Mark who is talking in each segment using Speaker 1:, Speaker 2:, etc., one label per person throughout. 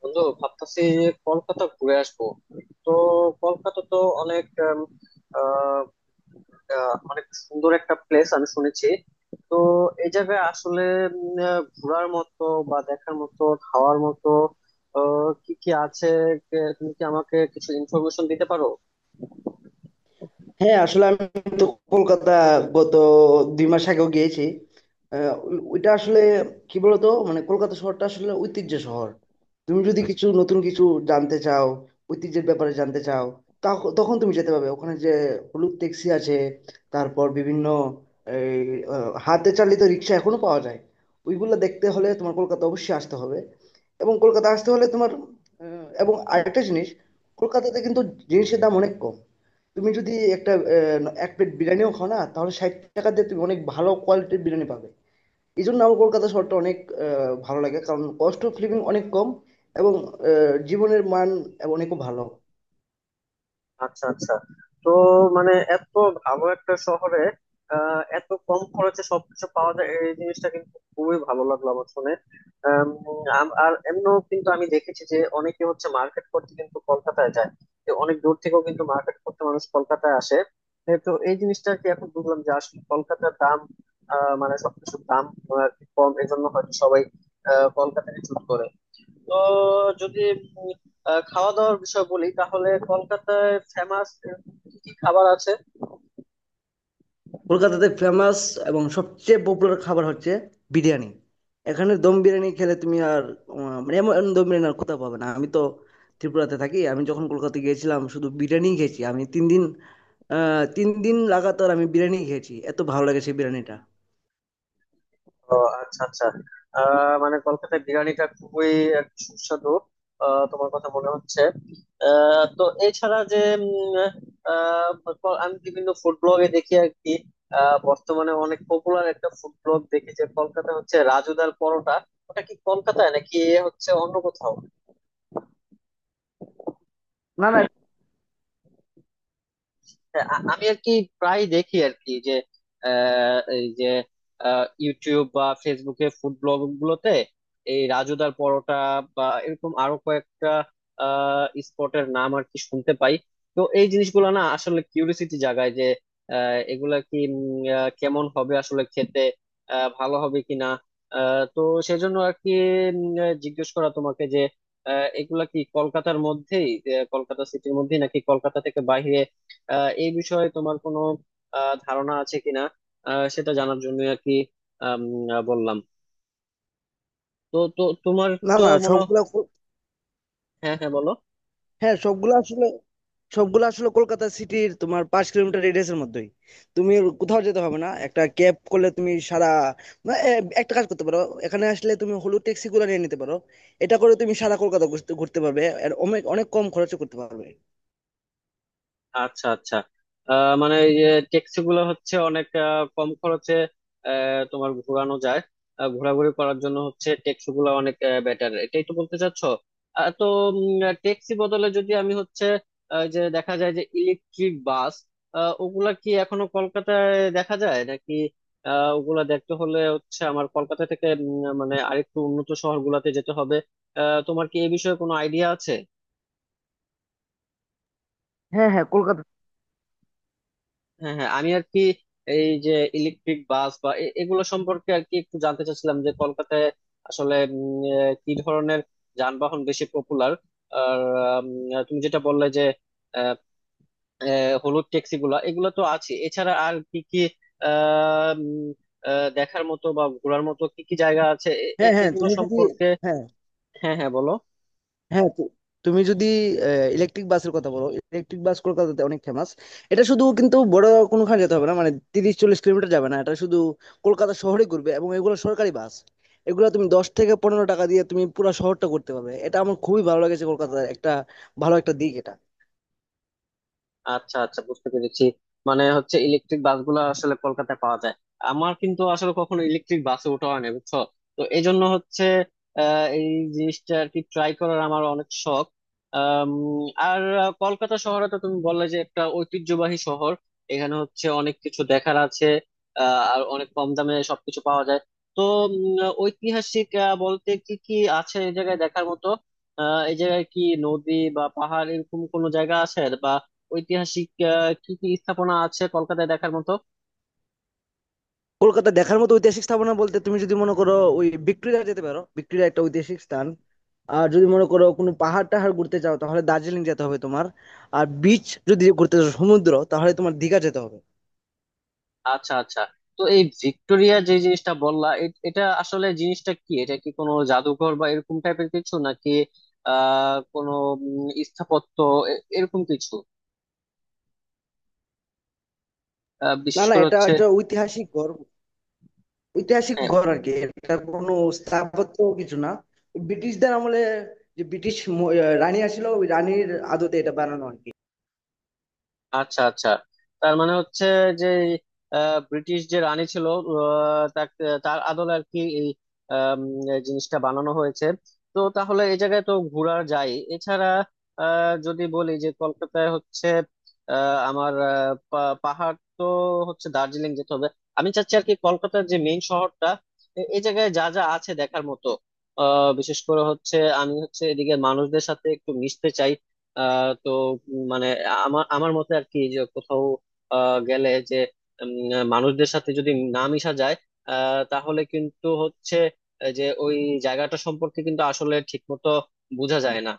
Speaker 1: বন্ধু, ভাবতেছি যে কলকাতা ঘুরে আসবো। তো কলকাতা তো অনেক আহ, অনেক সুন্দর একটা প্লেস, আমি শুনেছি। তো এই জায়গায় আসলে ঘোরার মতো বা দেখার মতো, খাওয়ার মতো কি কি আছে? তুমি কি আমাকে কিছু ইনফরমেশন দিতে পারো?
Speaker 2: হ্যাঁ, আসলে আমি তো কলকাতা গত 2 মাস আগেও গিয়েছি। আহ, ওইটা আসলে কি বলতো, মানে কলকাতা শহরটা আসলে ঐতিহ্য শহর। তুমি যদি কিছু নতুন কিছু জানতে চাও, ঐতিহ্যের ব্যাপারে জানতে চাও, তখন তুমি যেতে পারবে, ওখানে যে হলুদ ট্যাক্সি আছে, তারপর বিভিন্ন এই, হাতে চালিত রিক্সা এখনো পাওয়া যায়। ওইগুলো দেখতে হলে তোমার কলকাতা অবশ্যই আসতে হবে। এবং কলকাতা আসতে হলে তোমার, এবং আরেকটা জিনিস, কলকাতাতে কিন্তু জিনিসের দাম অনেক কম। তুমি যদি একটা এক প্লেট বিরিয়ানিও খাও না, তাহলে 60 টাকা দিয়ে তুমি অনেক ভালো কোয়ালিটির বিরিয়ানি পাবে। এই জন্য আমার কলকাতা শহরটা অনেক ভালো লাগে, কারণ কস্ট অফ লিভিং অনেক কম। এবং জীবনের মান অনেক ভালো।
Speaker 1: আচ্ছা, আচ্ছা। তো মানে এত ভালো একটা শহরে এত কম খরচে সবকিছু পাওয়া যায়, এই জিনিসটা কিন্তু খুবই ভালো লাগলো আমার শুনে। আম, আম- আর এমনও কিন্তু আমি দেখেছি যে অনেকে হচ্ছে মার্কেট করতে কিন্তু কলকাতায় যায়। তো অনেক দূর থেকেও কিন্তু মার্কেট করতে মানুষ কলকাতায় আসে। এ তো, এই জিনিসটা আর কি, এখন বুঝলাম যে আসলে কলকাতার দাম, মানে সবকিছুর দাম আর কি কম, এজন্য হয়তো সবাই কলকাতাকে চুজ করে। তো যদি উম আহ খাওয়া দাওয়ার বিষয় বলি, তাহলে কলকাতায় ফেমাস কি কি খাবার আছে?
Speaker 2: কলকাতাতে ফেমাস এবং সবচেয়ে পপুলার খাবার হচ্ছে বিরিয়ানি। এখানে দম বিরিয়ানি খেলে তুমি আর, মানে এমন দম বিরিয়ানি আর কোথাও পাবে না। আমি তো ত্রিপুরাতে থাকি, আমি যখন কলকাতা গিয়েছিলাম শুধু বিরিয়ানি খেয়েছি আমি 3 দিন। 3 দিন লাগাতার আমি বিরিয়ানি খেয়েছি, এত ভালো লাগে সেই বিরিয়ানিটা।
Speaker 1: ও, আচ্ছা, আচ্ছা। মানে কলকাতায় বিরিয়ানিটা খুবই এক সুস্বাদু, তোমার কথা মনে হচ্ছে। তো এছাড়া যে উম, আহ, আমি বিভিন্ন ফুড ব্লগে দেখি আর কি। বর্তমানে অনেক পপুলার একটা ফুড ব্লগ দেখি যে কলকাতা হচ্ছে রাজুদার পরোটা। ওটা কি কলকাতায় নাকি এ হচ্ছে অন্য কোথাও?
Speaker 2: না না,
Speaker 1: হ্যাঁ, আমি আর কি প্রায় দেখি আর কি, যে এই যে ইউটিউব বা ফেসবুকে ফুড ব্লগ গুলোতে এই রাজুদার পরোটা বা এরকম আরো কয়েকটা স্পটের নাম আর কি শুনতে পাই। তো এই জিনিসগুলো না আসলে কিউরিসিটি জাগায় যে এগুলা কি কেমন হবে আসলে খেতে, ভালো হবে কিনা। তো সেজন্য আর কি জিজ্ঞেস করা তোমাকে যে এগুলা কি কলকাতার মধ্যেই, কলকাতা সিটির মধ্যেই নাকি কলকাতা থেকে বাইরে, এই বিষয়ে তোমার কোনো ধারণা আছে কিনা, সেটা জানার জন্য আর কি আম, বললাম। তো তো তোমার
Speaker 2: না
Speaker 1: তো
Speaker 2: না,
Speaker 1: মনে
Speaker 2: সবগুলা
Speaker 1: হ্যাঁ, হ্যাঁ, বলো।
Speaker 2: হ্যাঁ, সবগুলা আসলে কলকাতা সিটির তোমার 5 কিলোমিটার রেডিয়াসের মধ্যেই। তুমি কোথাও যেতে হবে না, একটা ক্যাব করলে তুমি সারা, না, এ, একটা কাজ করতে পারো, এখানে আসলে তুমি হলুদ ট্যাক্সি গুলো নিয়ে নিতে পারো। এটা করে তুমি সারা কলকাতা ঘুরতে ঘুরতে পারবে আর অনেক অনেক কম খরচে করতে পারবে।
Speaker 1: আচ্ছা, আচ্ছা। মানে এই যে ট্যাক্সি গুলো হচ্ছে অনেক কম খরচে তোমার ঘোরানো যায়, ঘোরাঘুরি করার জন্য হচ্ছে ট্যাক্সি গুলো অনেক বেটার, এটাই তো বলতে চাচ্ছ। তো ট্যাক্সি বদলে যদি আমি হচ্ছে যে দেখা যায় যে ইলেকট্রিক বাস, ওগুলা কি এখনো কলকাতায় দেখা যায় নাকি? ওগুলা দেখতে হলে হচ্ছে আমার কলকাতা থেকে মানে আরেকটু উন্নত শহরগুলোতে যেতে হবে। তোমার কি এই বিষয়ে কোনো আইডিয়া আছে?
Speaker 2: হ্যাঁ হ্যাঁ, কলকাতা,
Speaker 1: হ্যাঁ, হ্যাঁ, আমি আর কি এই যে ইলেকট্রিক বাস বা এগুলো সম্পর্কে আর কি একটু জানতে চাচ্ছিলাম যে কলকাতায় আসলে কি ধরনের যানবাহন বেশি পপুলার। আর তুমি যেটা বললে যে আহ, আহ, হলুদ ট্যাক্সি গুলা এগুলো তো আছে, এছাড়া আর কি কি আহ, উম, দেখার মতো বা ঘোরার মতো কি কি জায়গা আছে
Speaker 2: হ্যাঁ হ্যাঁ
Speaker 1: এগুলো
Speaker 2: তুমি যদি,
Speaker 1: সম্পর্কে?
Speaker 2: হ্যাঁ
Speaker 1: হ্যাঁ, হ্যাঁ, বলো।
Speaker 2: হ্যাঁ তুমি যদি ইলেকট্রিক বাসের কথা বলো, ইলেকট্রিক বাস কলকাতাতে অনেক ফেমাস। এটা শুধু কিন্তু বড় কোনোখানে যেতে হবে না, মানে 30-40 কিলোমিটার যাবে না, এটা শুধু কলকাতা শহরে ঘুরবে এবং এগুলো সরকারি বাস। এগুলো তুমি 10 থেকে 15 টাকা দিয়ে তুমি পুরো শহরটা করতে পারবে, এটা আমার খুবই ভালো লেগেছে, কলকাতার একটা ভালো একটা দিক এটা।
Speaker 1: আচ্ছা, আচ্ছা, বুঝতে পেরেছি। মানে হচ্ছে ইলেকট্রিক বাসগুলো আসলে কলকাতায় পাওয়া যায়। আমার কিন্তু আসলে কখনো ইলেকট্রিক বাসে ওঠা হয় না, বুঝছো? তো এই জন্য হচ্ছে এই জিনিসটা আর কি ট্রাই করার আমার অনেক শখ। আম, আর কলকাতা শহরে তো তুমি বললে যে একটা ঐতিহ্যবাহী শহর, এখানে হচ্ছে অনেক কিছু দেখার আছে, আর অনেক কম দামে সবকিছু পাওয়া যায়। তো উম, ঐতিহাসিক বলতে কি কি আছে এই জায়গায় দেখার মতো? এই জায়গায় কি নদী বা পাহাড় এরকম কোনো জায়গা আছে, বা ঐতিহাসিক কি কি স্থাপনা আছে কলকাতায় দেখার মতো?
Speaker 2: কলকাতা দেখার মতো ঐতিহাসিক স্থাপনা বলতে, তুমি যদি মনে করো, ওই ভিক্টোরিয়া যেতে পারো, ভিক্টোরিয়া একটা ঐতিহাসিক স্থান। আর যদি মনে করো কোনো পাহাড় টাহাড় ঘুরতে চাও তাহলে দার্জিলিং যেতে হবে তোমার। আর বিচ যদি ঘুরতে চাও, সমুদ্র, তাহলে তোমার দীঘা যেতে হবে।
Speaker 1: আচ্ছা, আচ্ছা। তো এই ভিক্টোরিয়া যে জিনিসটা বললা, এটা আসলে জিনিসটা কি? এটা কি কোনো জাদুঘর বা এরকম টাইপের কিছু নাকি কোনো স্থাপত্য এরকম কিছু
Speaker 2: না
Speaker 1: বিশেষ
Speaker 2: না,
Speaker 1: করে
Speaker 2: এটা
Speaker 1: হচ্ছে?
Speaker 2: একটা ঐতিহাসিক ঘর। ঐতিহাসিক ঘর আর কি, এটা কোনো স্থাপত্য কিছু না। ব্রিটিশদের আমলে যে ব্রিটিশ ম- আহ রানী আসছিল, ওই রানীর আদতে এটা বানানো আর কি।
Speaker 1: আচ্ছা, আচ্ছা। তার মানে হচ্ছে যে ব্রিটিশ যে রানী ছিল, তাকে তার আদলে আর কি এই আম, এই জিনিসটা বানানো হয়েছে। তো তাহলে এই জায়গায় তো ঘোরা যায়, এছাড়া যদি বলি যে কলকাতায় হচ্ছে, আমার পাহাড় তো হচ্ছে দার্জিলিং যেতে হবে। আমি চাচ্ছি আর কি কলকাতার যে মেইন শহরটা, এই জায়গায় যা যা আছে দেখার মতো বিশেষ করে হচ্ছে। আমি হচ্ছে এদিকে মানুষদের সাথে একটু মিশতে চাই। তো মানে আমার আমার মতে আর কি, যে কোথাও গেলে যে মানুষদের সাথে যদি না মিশা যায়, তাহলে কিন্তু হচ্ছে যে ওই জায়গাটা সম্পর্কে কিন্তু আসলে ঠিক মতো বোঝা যায় না,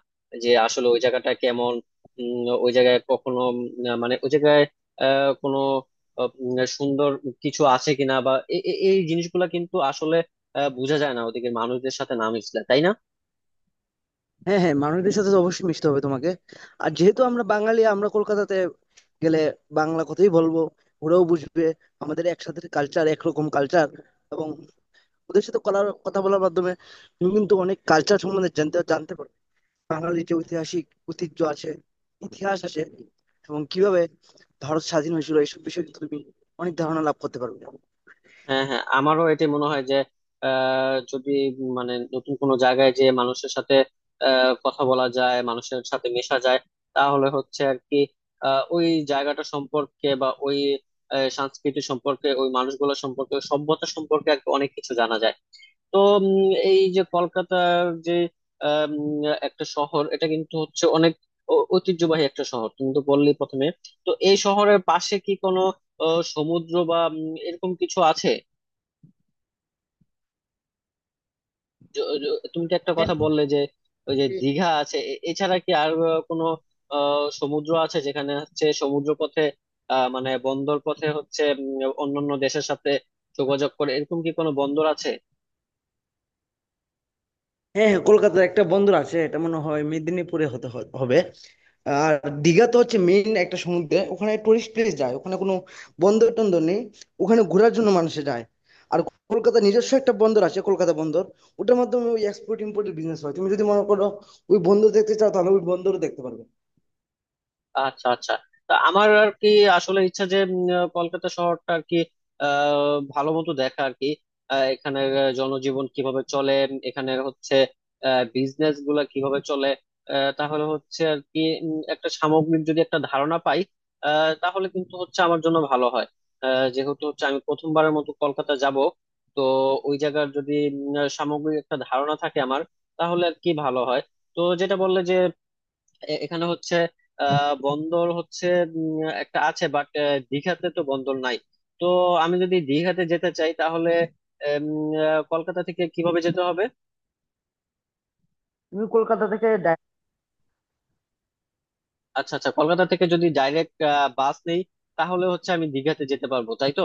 Speaker 1: যে আসলে ওই জায়গাটা কেমন। ওই জায়গায় কখনো মানে ওই জায়গায় কোনো সুন্দর কিছু আছে কিনা, বা এই জিনিসগুলা কিন্তু আসলে বোঝা যায় না ওদিকে মানুষদের সাথে না মিশলে, তাই না?
Speaker 2: হ্যাঁ হ্যাঁ, মানুষদের সাথে তো অবশ্যই মিশতে হবে তোমাকে। আর যেহেতু আমরা বাঙালি, আমরা কলকাতাতে গেলে বাংলা কথাই বলবো, ওরাও বুঝবে। আমাদের একসাথে কালচার, একরকম কালচার। এবং ওদের সাথে কথা বলার মাধ্যমে তুমি কিন্তু অনেক কালচার সম্বন্ধে জানতে জানতে পারবে। বাঙালির যে ঐতিহাসিক ঐতিহ্য আছে, ইতিহাস আছে, এবং কিভাবে ভারত স্বাধীন হয়েছিল, এইসব বিষয়ে কিন্তু তুমি অনেক ধারণা লাভ করতে পারবে।
Speaker 1: হ্যাঁ, হ্যাঁ, আমারও এটাই মনে হয় যে যদি মানে নতুন কোনো জায়গায় যে মানুষের সাথে কথা বলা যায়, মানুষের সাথে মেশা যায়, তাহলে হচ্ছে আর কি ওই জায়গাটা সম্পর্কে বা ওই সংস্কৃতি সম্পর্কে, ওই মানুষগুলো সম্পর্কে, ওই সভ্যতা সম্পর্কে আর কি অনেক কিছু জানা যায়। তো এই যে কলকাতার যে একটা শহর, এটা কিন্তু হচ্ছে অনেক ঐতিহ্যবাহী একটা শহর, তুমি তো বললি প্রথমে। তো এই শহরের পাশে কি কোনো সমুদ্র বা এরকম কিছু আছে? তুমি তো একটা
Speaker 2: হ্যাঁ,
Speaker 1: কথা বললে যে ওই যে দীঘা আছে, এছাড়া কি আর কোনো সমুদ্র আছে যেখানে হচ্ছে সমুদ্র পথে, মানে বন্দর পথে হচ্ছে অন্যান্য দেশের সাথে যোগাযোগ করে, এরকম কি কোনো বন্দর আছে?
Speaker 2: হ্যাঁ, কলকাতার একটা বন্দর আছে, এটা মনে হয় মেদিনীপুরে হতে হবে। আর দীঘা তো হচ্ছে মেইন একটা সমুদ্রে, ওখানে টুরিস্ট প্লেস যায়, ওখানে কোনো বন্দর টন্দর নেই। ওখানে ঘোরার জন্য মানুষে যায়। আর কলকাতা নিজস্ব একটা বন্দর আছে, কলকাতা বন্দর। ওটার মাধ্যমে ওই এক্সপোর্ট ইম্পোর্টের বিজনেস হয়। তুমি যদি মনে করো ওই বন্দর দেখতে চাও, তাহলে ওই বন্দরও দেখতে পারবে।
Speaker 1: আচ্ছা, আচ্ছা। তা আমার আর কি আসলে ইচ্ছা যে কলকাতা শহরটা আর কি ভালো মতো দেখা আর কি, এখানের জনজীবন কিভাবে চলে, এখানের হচ্ছে বিজনেস গুলা কিভাবে চলে, তাহলে হচ্ছে আর কি একটা সামগ্রিক যদি একটা ধারণা পাই, আহ, তাহলে কিন্তু হচ্ছে আমার জন্য ভালো হয়। যেহেতু হচ্ছে আমি প্রথমবারের মতো কলকাতা যাব, তো ওই জায়গার যদি সামগ্রিক একটা ধারণা থাকে আমার, তাহলে আর কি ভালো হয়। তো যেটা বললে যে এখানে হচ্ছে বন্দর হচ্ছে উম, একটা আছে, বাট দীঘাতে তো বন্দর নাই। তো আমি যদি দীঘাতে যেতে চাই, তাহলে উম, কলকাতা থেকে কিভাবে যেতে হবে?
Speaker 2: তুমি কলকাতা থেকে,
Speaker 1: আচ্ছা, আচ্ছা। কলকাতা থেকে যদি ডাইরেক্ট বাস নেই, তাহলে হচ্ছে আমি দীঘাতে যেতে পারবো, তাই তো?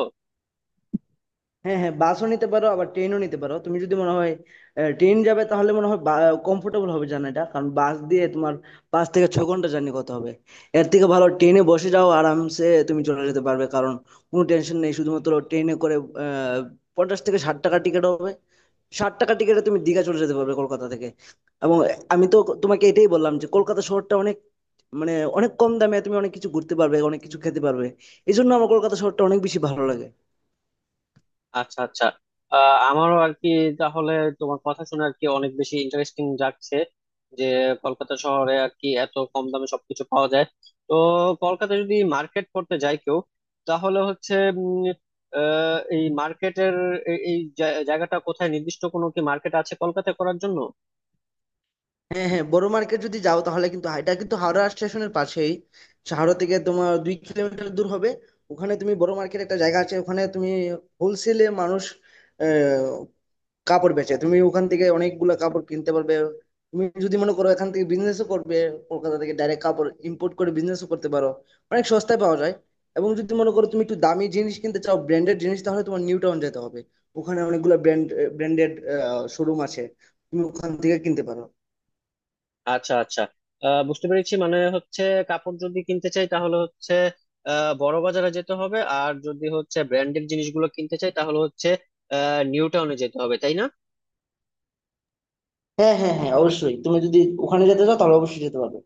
Speaker 2: হ্যাঁ হ্যাঁ, বাসও নিতে পারো আবার ট্রেনও নিতে পারো। তুমি যদি মনে হয় ট্রেন যাবে, তাহলে মনে হয় কমফোর্টেবল হবে জার্নিটা, কারণ বাস দিয়ে তোমার 5 থেকে 6 ঘন্টা জার্নি করতে হবে। এর থেকে ভালো ট্রেনে বসে যাও, আরামসে তুমি চলে যেতে পারবে, কারণ কোনো টেনশন নেই। শুধুমাত্র ট্রেনে করে আহ, 50 থেকে 60 টাকা টিকিট হবে। 60 টাকা টিকিটে তুমি দীঘা চলে যেতে পারবে কলকাতা থেকে। এবং আমি তো তোমাকে এটাই বললাম যে কলকাতা শহরটা অনেক, মানে অনেক কম দামে তুমি অনেক কিছু ঘুরতে পারবে, অনেক কিছু খেতে পারবে। এই জন্য আমার কলকাতা শহরটা অনেক বেশি ভালো লাগে।
Speaker 1: আচ্ছা, আচ্ছা। আমারও আর কি, তাহলে তোমার কথা শুনে আর কি অনেক বেশি ইন্টারেস্টিং লাগছে যে কলকাতা শহরে আর কি এত কম দামে সবকিছু পাওয়া যায়। তো কলকাতা যদি মার্কেট করতে যায় কেউ, তাহলে হচ্ছে উম, এই মার্কেটের এই এই জা- জায়গাটা কোথায়? নির্দিষ্ট কোনো কি মার্কেট আছে কলকাতা করার জন্য?
Speaker 2: হ্যাঁ হ্যাঁ, বড় মার্কেট যদি যাও তাহলে কিন্তু, এটা কিন্তু হাওড়া স্টেশনের পাশেই। হাওড়া থেকে তোমার 2 কিলোমিটার দূর হবে। ওখানে তুমি বড় মার্কেট একটা জায়গা আছে, ওখানে তুমি হোলসেলে মানুষ আহ, কাপড় বেচে, তুমি ওখান থেকে অনেকগুলা কাপড় কিনতে পারবে। তুমি যদি মনে করো এখান থেকে বিজনেসও করবে, কলকাতা থেকে ডাইরেক্ট কাপড় ইম্পোর্ট করে বিজনেসও করতে পারো, অনেক সস্তায় পাওয়া যায়। এবং যদি মনে করো তুমি একটু দামি জিনিস কিনতে চাও, ব্র্যান্ডেড জিনিস, তাহলে তোমার নিউ টাউন যেতে হবে। ওখানে অনেকগুলো ব্র্যান্ডেড শোরুম আছে, তুমি ওখান থেকে কিনতে পারো।
Speaker 1: আচ্ছা, আচ্ছা। বুঝতে পেরেছি। মানে হচ্ছে কাপড় যদি কিনতে চাই, তাহলে হচ্ছে বড় বাজারে যেতে হবে, আর যদি হচ্ছে ব্র্যান্ডেড জিনিসগুলো কিনতে চাই, তাহলে হচ্ছে নিউ টাউনে যেতে হবে, তাই না?
Speaker 2: হ্যাঁ, হ্যাঁ, হ্যাঁ, অবশ্যই। তুমি যদি ওখানে যেতে চাও তাহলে অবশ্যই যেতে পারবে।